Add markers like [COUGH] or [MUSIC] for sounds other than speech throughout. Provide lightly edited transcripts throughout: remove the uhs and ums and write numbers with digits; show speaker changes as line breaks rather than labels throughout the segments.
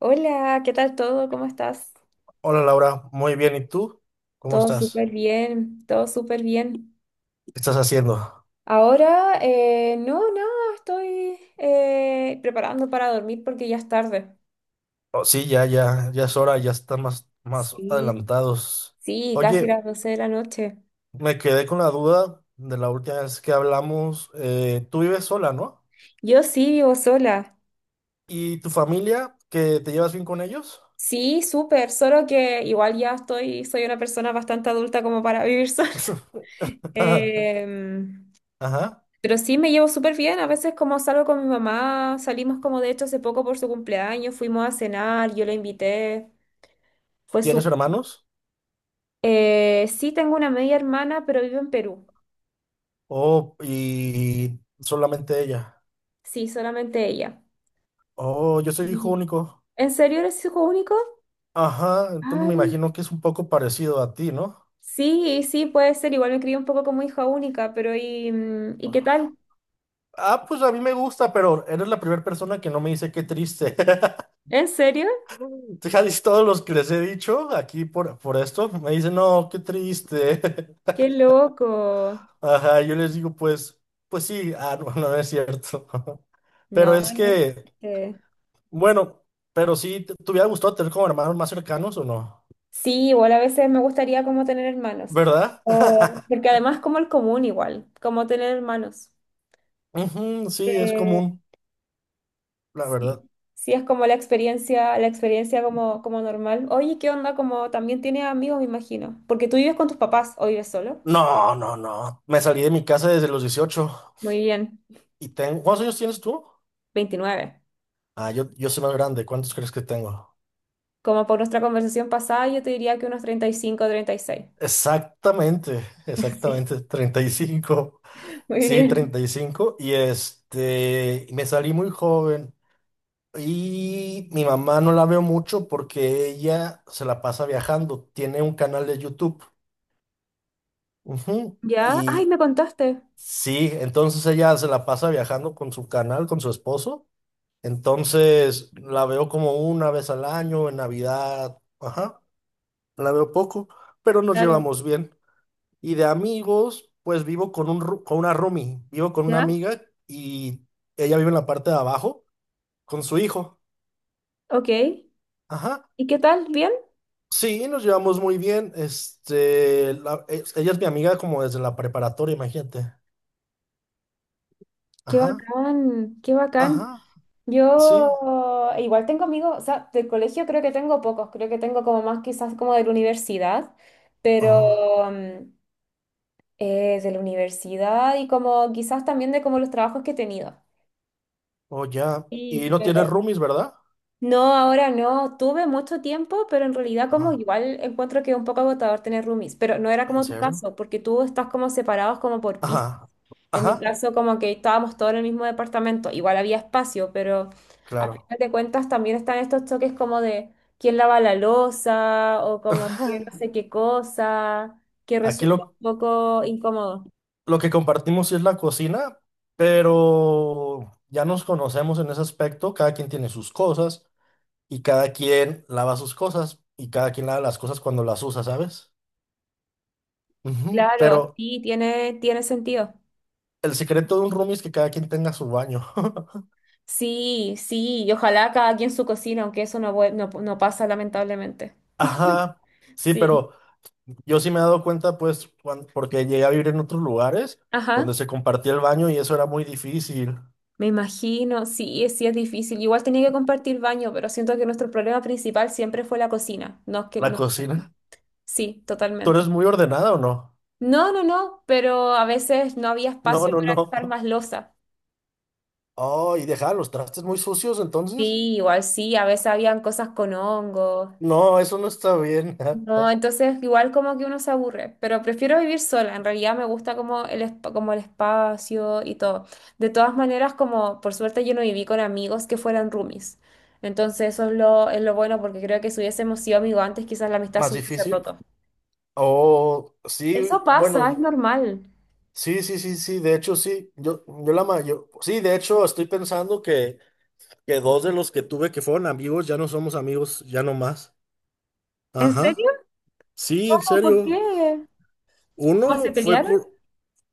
Hola, ¿qué tal todo? ¿Cómo estás?
Hola Laura, muy bien. ¿Y tú? ¿Cómo
Todo
estás?
súper bien, todo súper bien.
¿Qué estás haciendo?
Ahora, no, nada, estoy preparando para dormir porque ya es tarde.
Oh, sí, ya, ya, ya es hora, ya están más, más
Sí,
adelantados.
sí, casi
Oye,
las doce de la noche.
me quedé con la duda de la última vez que hablamos. Tú vives sola, ¿no?
Yo sí vivo sola.
¿Y tu familia, que te llevas bien con ellos?
Sí, súper, solo que igual ya estoy, soy una persona bastante adulta como para vivir sola. [LAUGHS]
[LAUGHS]
Em,
Ajá.
pero sí me llevo súper bien. A veces como salgo con mi mamá, salimos como de hecho hace poco por su cumpleaños, fuimos a cenar, yo la invité. Fue
¿Tienes
su...
hermanos?
Sí, tengo una media hermana, pero vive en Perú.
Oh, y solamente ella.
Sí, solamente ella.
Oh, yo soy hijo
Sí.
único.
¿En serio eres hijo único?
Ajá, entonces me
Ay,
imagino que es un poco parecido a ti, ¿no?
sí, sí, puede ser. Igual me crié un poco como hija única, pero ¿y qué tal?
Ah, pues a mí me gusta, pero eres la primera persona que no me dice qué triste. [LAUGHS]
¿En serio?
Casi todos los que les he dicho aquí por esto me dicen, no, qué triste.
¡Qué loco!
[LAUGHS] Ajá, yo les digo, pues, pues sí, ah, no no es cierto. [LAUGHS] Pero
No,
es
no.
que,
eh,
bueno, pero sí, ¿te, te hubiera gustado tener como hermanos más cercanos o no?
Sí, igual a veces me gustaría como tener hermanos,
¿Verdad?
o
[LAUGHS]
porque además como el común igual, como tener hermanos.
Ujú, sí, es común, la
Sí,
verdad.
sí, es como la experiencia como, como normal. Oye, ¿qué onda? Como también tienes amigos, me imagino. Porque tú vives con tus papás o vives solo.
No, no, no. Me salí de mi casa desde los 18.
Muy bien.
Y tengo... ¿Cuántos años tienes tú?
29.
Ah, yo soy más grande. ¿Cuántos crees que tengo?
Como por nuestra conversación pasada, yo te diría que unos 35 o 36.
Exactamente,
[LAUGHS] Sí,
exactamente, treinta y cinco.
muy
Sí,
bien.
35. Y cinco. Y este, me salí muy joven. Y mi mamá no la veo mucho porque ella se la pasa viajando. Tiene un canal de YouTube. Ujú.
¿Ya? Ay,
Y
me contaste.
sí, entonces ella se la pasa viajando con su canal, con su esposo. Entonces la veo como una vez al año, en Navidad. Ajá, la veo poco, pero nos
Claro.
llevamos bien. Y de amigos, pues vivo con un, con una roomie, vivo con una
¿Ya?
amiga y ella vive en la parte de abajo con su hijo.
Ok.
Ajá.
¿Y qué tal? ¿Bien?
Sí, nos llevamos muy bien. Este, ella es mi amiga como desde la preparatoria, imagínate.
Qué
Ajá,
bacán, qué bacán.
ajá,
Yo
sí.
igual tengo amigos, o sea, del colegio creo que tengo pocos, creo que tengo como más quizás como de la universidad, pero
Oh,
mm, de la universidad y como quizás también de como los trabajos que he tenido.
oh, ya. Y
Sí,
no tienes
pero
roomies, ¿verdad?
no, ahora no, tuve mucho tiempo, pero en realidad como
Ajá.
igual encuentro que es un poco agotador tener roomies, pero no era
¿En
como tu
serio?
caso, porque tú estás como separados como por piso.
Ajá,
En mi
ajá,
caso, como que estábamos todos en el mismo departamento, igual había espacio, pero a
claro.
final de cuentas también están estos choques como de quién lava la loza o como quién no
[LAUGHS]
sé qué cosa, que
Aquí
resulta
lo,
un poco incómodo.
Lo que compartimos sí es la cocina, pero ya nos conocemos en ese aspecto. Cada quien tiene sus cosas y cada quien lava sus cosas y cada quien lava las cosas cuando las usa, ¿sabes? Ujú.
Claro,
Pero
sí, tiene sentido.
el secreto de un roomie es que cada quien tenga su baño. [LAUGHS]
Sí, sí, y ojalá cada quien su cocina, aunque eso no, no, no pasa lamentablemente.
Ajá, sí,
Sí,
pero yo sí me he dado cuenta, pues, porque llegué a vivir en otros lugares donde
ajá,
se compartía el baño y eso era muy difícil.
me imagino, sí, sí es difícil. Igual tenía que compartir baño, pero siento que nuestro problema principal siempre fue la cocina. No es que
La
no.
cocina.
Sí,
¿Tú
totalmente.
eres muy ordenada o no?
No, no, no, pero a veces no había
No,
espacio
no,
para
no.
dejar
[LAUGHS]
más losa.
Oh, ¿y dejaba los trastes muy sucios entonces?
Sí, igual sí, a veces habían cosas con hongos.
No, eso no está bien. [LAUGHS]
No, entonces igual como que uno se aburre, pero prefiero vivir sola. En realidad me gusta como el, como el espacio y todo. De todas maneras, como por suerte yo no viví con amigos que fueran roomies. Entonces eso es lo bueno porque creo que si hubiésemos sido amigos antes, quizás la amistad
Más
se hubiese
difícil.
roto.
Oh, sí,
Eso pasa, es
bueno,
normal.
sí, sí, sí, sí, de hecho sí, yo la mayor, sí, de hecho estoy pensando que dos de los que tuve que fueron amigos ya no somos amigos, ya no más.
¿En serio?
Ajá, sí, en
¿Por qué?
serio.
¿Cómo se
Uno fue
pelearon?
por,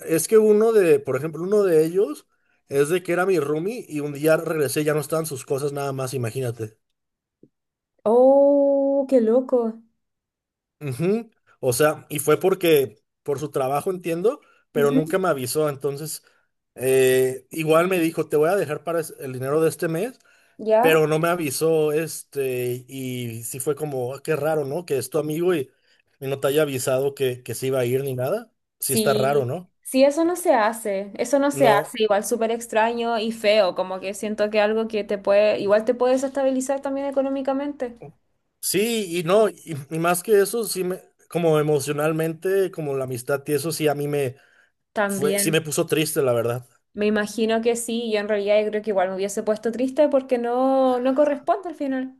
es que uno de, por ejemplo, uno de ellos es de que era mi roomie y un día regresé, ya no estaban sus cosas nada más, imagínate.
Oh, qué loco.
Ujú. O sea, y fue porque por su trabajo entiendo, pero
Ujú.
nunca me avisó. Entonces, igual me dijo, te voy a dejar para el dinero de este mes, pero
¿Ya?
no me avisó, este, y sí fue como, "Ah, qué raro, ¿no? Que es tu amigo y no te haya avisado que se iba a ir ni nada. Sí está raro,
Sí,
¿no?
sí, eso no se hace, eso no se
No,
hace, igual súper extraño y feo, como que siento que algo que te puede, igual te puede desestabilizar también económicamente.
sí, y no, y más que eso, sí me, como emocionalmente, como la amistad y eso sí a mí me fue, sí me
También,
puso triste, la verdad.
me imagino que sí, yo en realidad yo creo que igual me hubiese puesto triste porque no, no corresponde al final.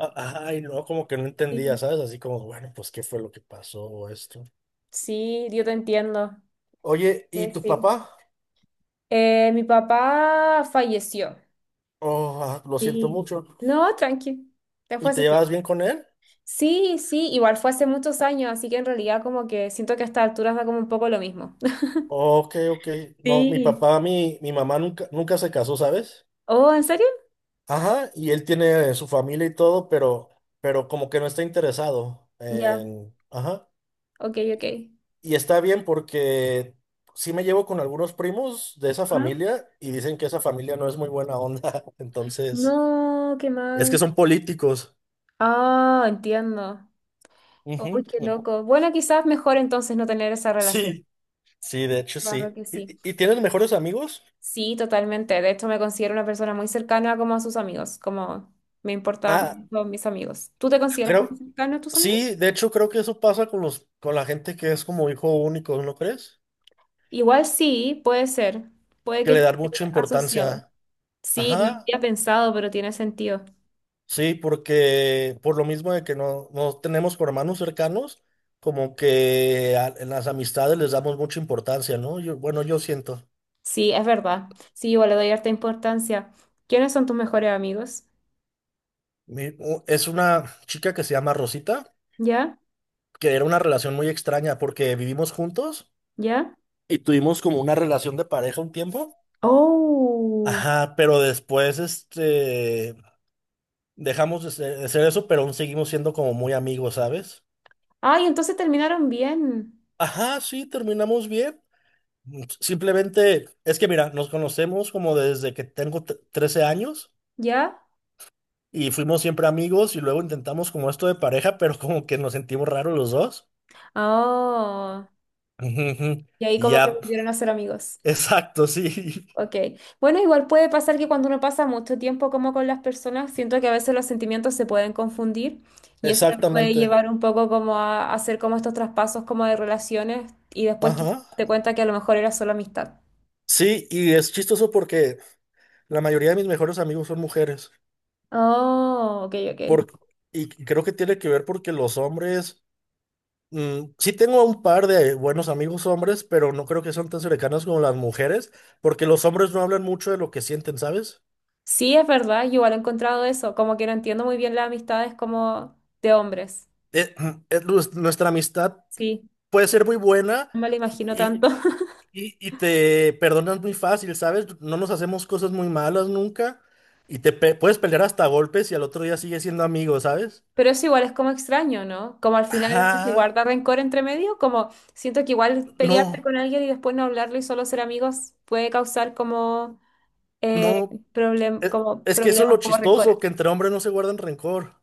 Ay, no, como que no entendía,
Sí,
¿sabes? Así como, bueno, pues, ¿qué fue lo que pasó o esto?
sí, yo te entiendo.
Oye,
Sí,
¿y tu
sí.
papá?
Mi papá falleció.
Oh, ah, lo siento
Sí.
mucho.
No, tranqui, ya fue
¿Y te
hace
llevabas
tiempo.
bien con él?
Sí, sí, igual fue hace muchos años, así que en realidad como que siento que a estas alturas da como un poco lo mismo. [LAUGHS]
Ok, ok. No, mi
Sí.
papá, mi mamá nunca, nunca se casó, ¿sabes?
Oh, ¿en serio?
Ajá, y él tiene su familia y todo, pero como que no está interesado
Ya,
en... Ajá.
ok, ok.
Y está bien porque sí me llevo con algunos primos de esa
Ajá.
familia y dicen que esa familia no es muy buena onda. [LAUGHS] Entonces,
No, qué
es
mal.
que son políticos.
Ah, entiendo. Uy,
Ujú.
qué loco. Bueno, quizás mejor entonces no tener esa relación.
Sí, sí, de hecho sí.
Claro que sí.
Y tienes mejores amigos?
Sí, totalmente. De hecho, me considero una persona muy cercana como a sus amigos, como me
Ah,
importan todos mis amigos. ¿Tú te consideras como
creo,
cercano a tus amigos?
sí, de hecho creo que eso pasa con los, con la gente que es como hijo único, ¿no crees?
Igual sí, puede ser. Puede
Que
que
le
esté
dan mucha importancia.
asociado. Sí, no lo
Ajá,
había pensado, pero tiene sentido.
sí, porque por lo mismo de que no, no tenemos hermanos cercanos, como que en las amistades les damos mucha importancia, ¿no? Yo, bueno, yo siento.
Sí, es verdad. Sí, igual le doy harta importancia. ¿Quiénes son tus mejores amigos?
Es una chica que se llama Rosita,
¿Ya?
que era una relación muy extraña porque vivimos juntos.
¿Ya?
Y tuvimos como una relación de pareja un tiempo.
Oh.
Ajá, pero después, este, dejamos de ser eso, pero aún seguimos siendo como muy amigos, ¿sabes?
Ay, entonces terminaron bien.
Ajá, sí, terminamos bien. Mm, simplemente, es que mira, nos conocemos como desde que tengo 13 años
¿Ya?
y fuimos siempre amigos y luego intentamos como esto de pareja, pero como que nos sentimos raros los dos.
Oh.
Ujú, ujú.
Y ahí
Y
como que
ya,
volvieron a ser amigos.
[LAUGHS] exacto, sí,
Ok. Bueno, igual puede pasar que cuando uno pasa mucho tiempo como con las personas, siento que a veces los sentimientos se pueden confundir
[LAUGHS]
y eso me puede
exactamente.
llevar un poco como a hacer como estos traspasos como de relaciones y después quizás
Ajá.
te cuenta que a lo mejor era solo amistad.
Sí, y es chistoso porque la mayoría de mis mejores amigos son mujeres.
Oh, ok, ok.
Por, y creo que tiene que ver porque los hombres, sí tengo un par de buenos amigos hombres, pero no creo que sean tan cercanos como las mujeres, porque los hombres no hablan mucho de lo que sienten, ¿sabes?
Sí, es verdad, yo igual he encontrado eso, como que no entiendo muy bien las amistades como de hombres.
Eh, [CLEARS THROAT] nuestra amistad
Sí,
puede ser muy buena
no me lo imagino
y,
tanto. [LAUGHS]
y te perdonas muy fácil, ¿sabes? No nos hacemos cosas muy malas nunca y puedes pelear hasta a golpes y al otro día sigues siendo amigos, ¿sabes?
Pero eso igual es como extraño, ¿no? Como al final se
Ajá,
guarda rencor entre medio, como siento que igual pelearte
no,
con alguien y después no hablarlo y solo ser amigos puede causar como, eh,
no. Es,
como
es que eso es lo
problemas, como rencores.
chistoso, que entre hombres no se guardan rencor,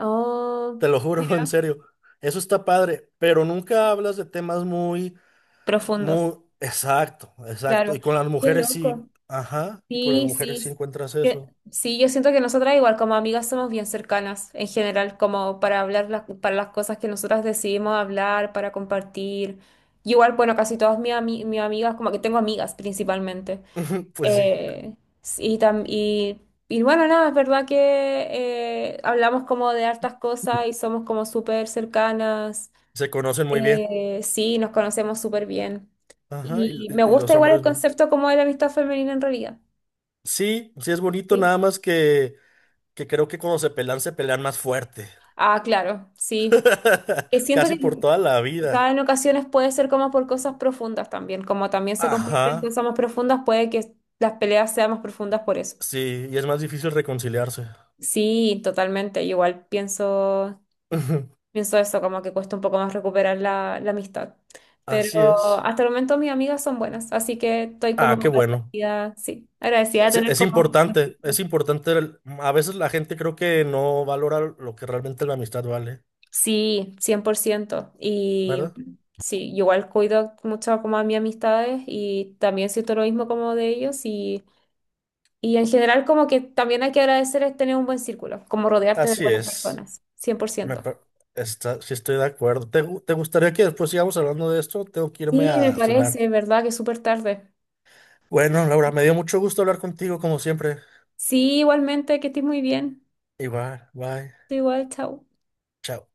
Oh,
te lo juro, [LAUGHS] en
mira,
serio. Eso está padre, pero nunca hablas de temas muy,
profundos,
muy, exacto, exacto.
claro.
Y con las
Qué
mujeres sí,
loco.
ajá, y con las
Sí,
mujeres
sí,
sí encuentras
sí,
eso.
sí, yo siento que nosotras igual como amigas somos bien cercanas en general, como para hablar las, para las cosas que nosotras decidimos hablar, para compartir. Y igual, bueno, casi todas mis, mis amigas, como que tengo amigas principalmente.
[LAUGHS] Pues sí,
Eh, y, tam- y, y bueno, nada, es verdad que hablamos como de hartas cosas y somos como súper cercanas.
se conocen muy bien,
Sí, nos conocemos súper bien.
ajá,
Y me
y los
gusta igual el
hombres no.
concepto como de la amistad femenina en realidad.
Sí, sí es bonito,
Sí.
nada más que creo que cuando se pelean más fuerte.
Ah, claro, sí.
[LAUGHS]
Que siento
Casi
que
por toda la
quizá
vida.
en ocasiones puede ser como por cosas profundas también, como también se convierte en
Ajá,
cosas más profundas, puede que las peleas sean más profundas por eso.
sí, y es más difícil reconciliarse.
Sí, totalmente. Igual pienso,
[LAUGHS]
pienso eso, como que cuesta un poco más recuperar la, la amistad.
Así
Pero
es.
hasta el momento mis amigas son buenas, así que estoy
Ah, qué
como
bueno.
agradecida, sí, agradecida de tener
Es
como...
importante, es importante. A veces la gente creo que no valora lo que realmente la amistad vale,
Sí, 100%. Y
¿verdad?
sí, igual cuido mucho como a mis amistades y también siento lo mismo como de ellos y en general como que también hay que agradecer es tener un buen círculo, como rodearte de
Así
buenas
es.
personas, cien por
Me
ciento
pa- Está, sí estoy de acuerdo. ¿Te, te gustaría que después sigamos hablando de esto? Tengo que irme
Sí, me
a cenar.
parece, ¿verdad? Que es súper tarde.
Bueno, Laura, me dio mucho gusto hablar contigo como siempre.
Sí, igualmente, que estés muy bien.
Igual, bye.
Tú igual, chao.
Chao.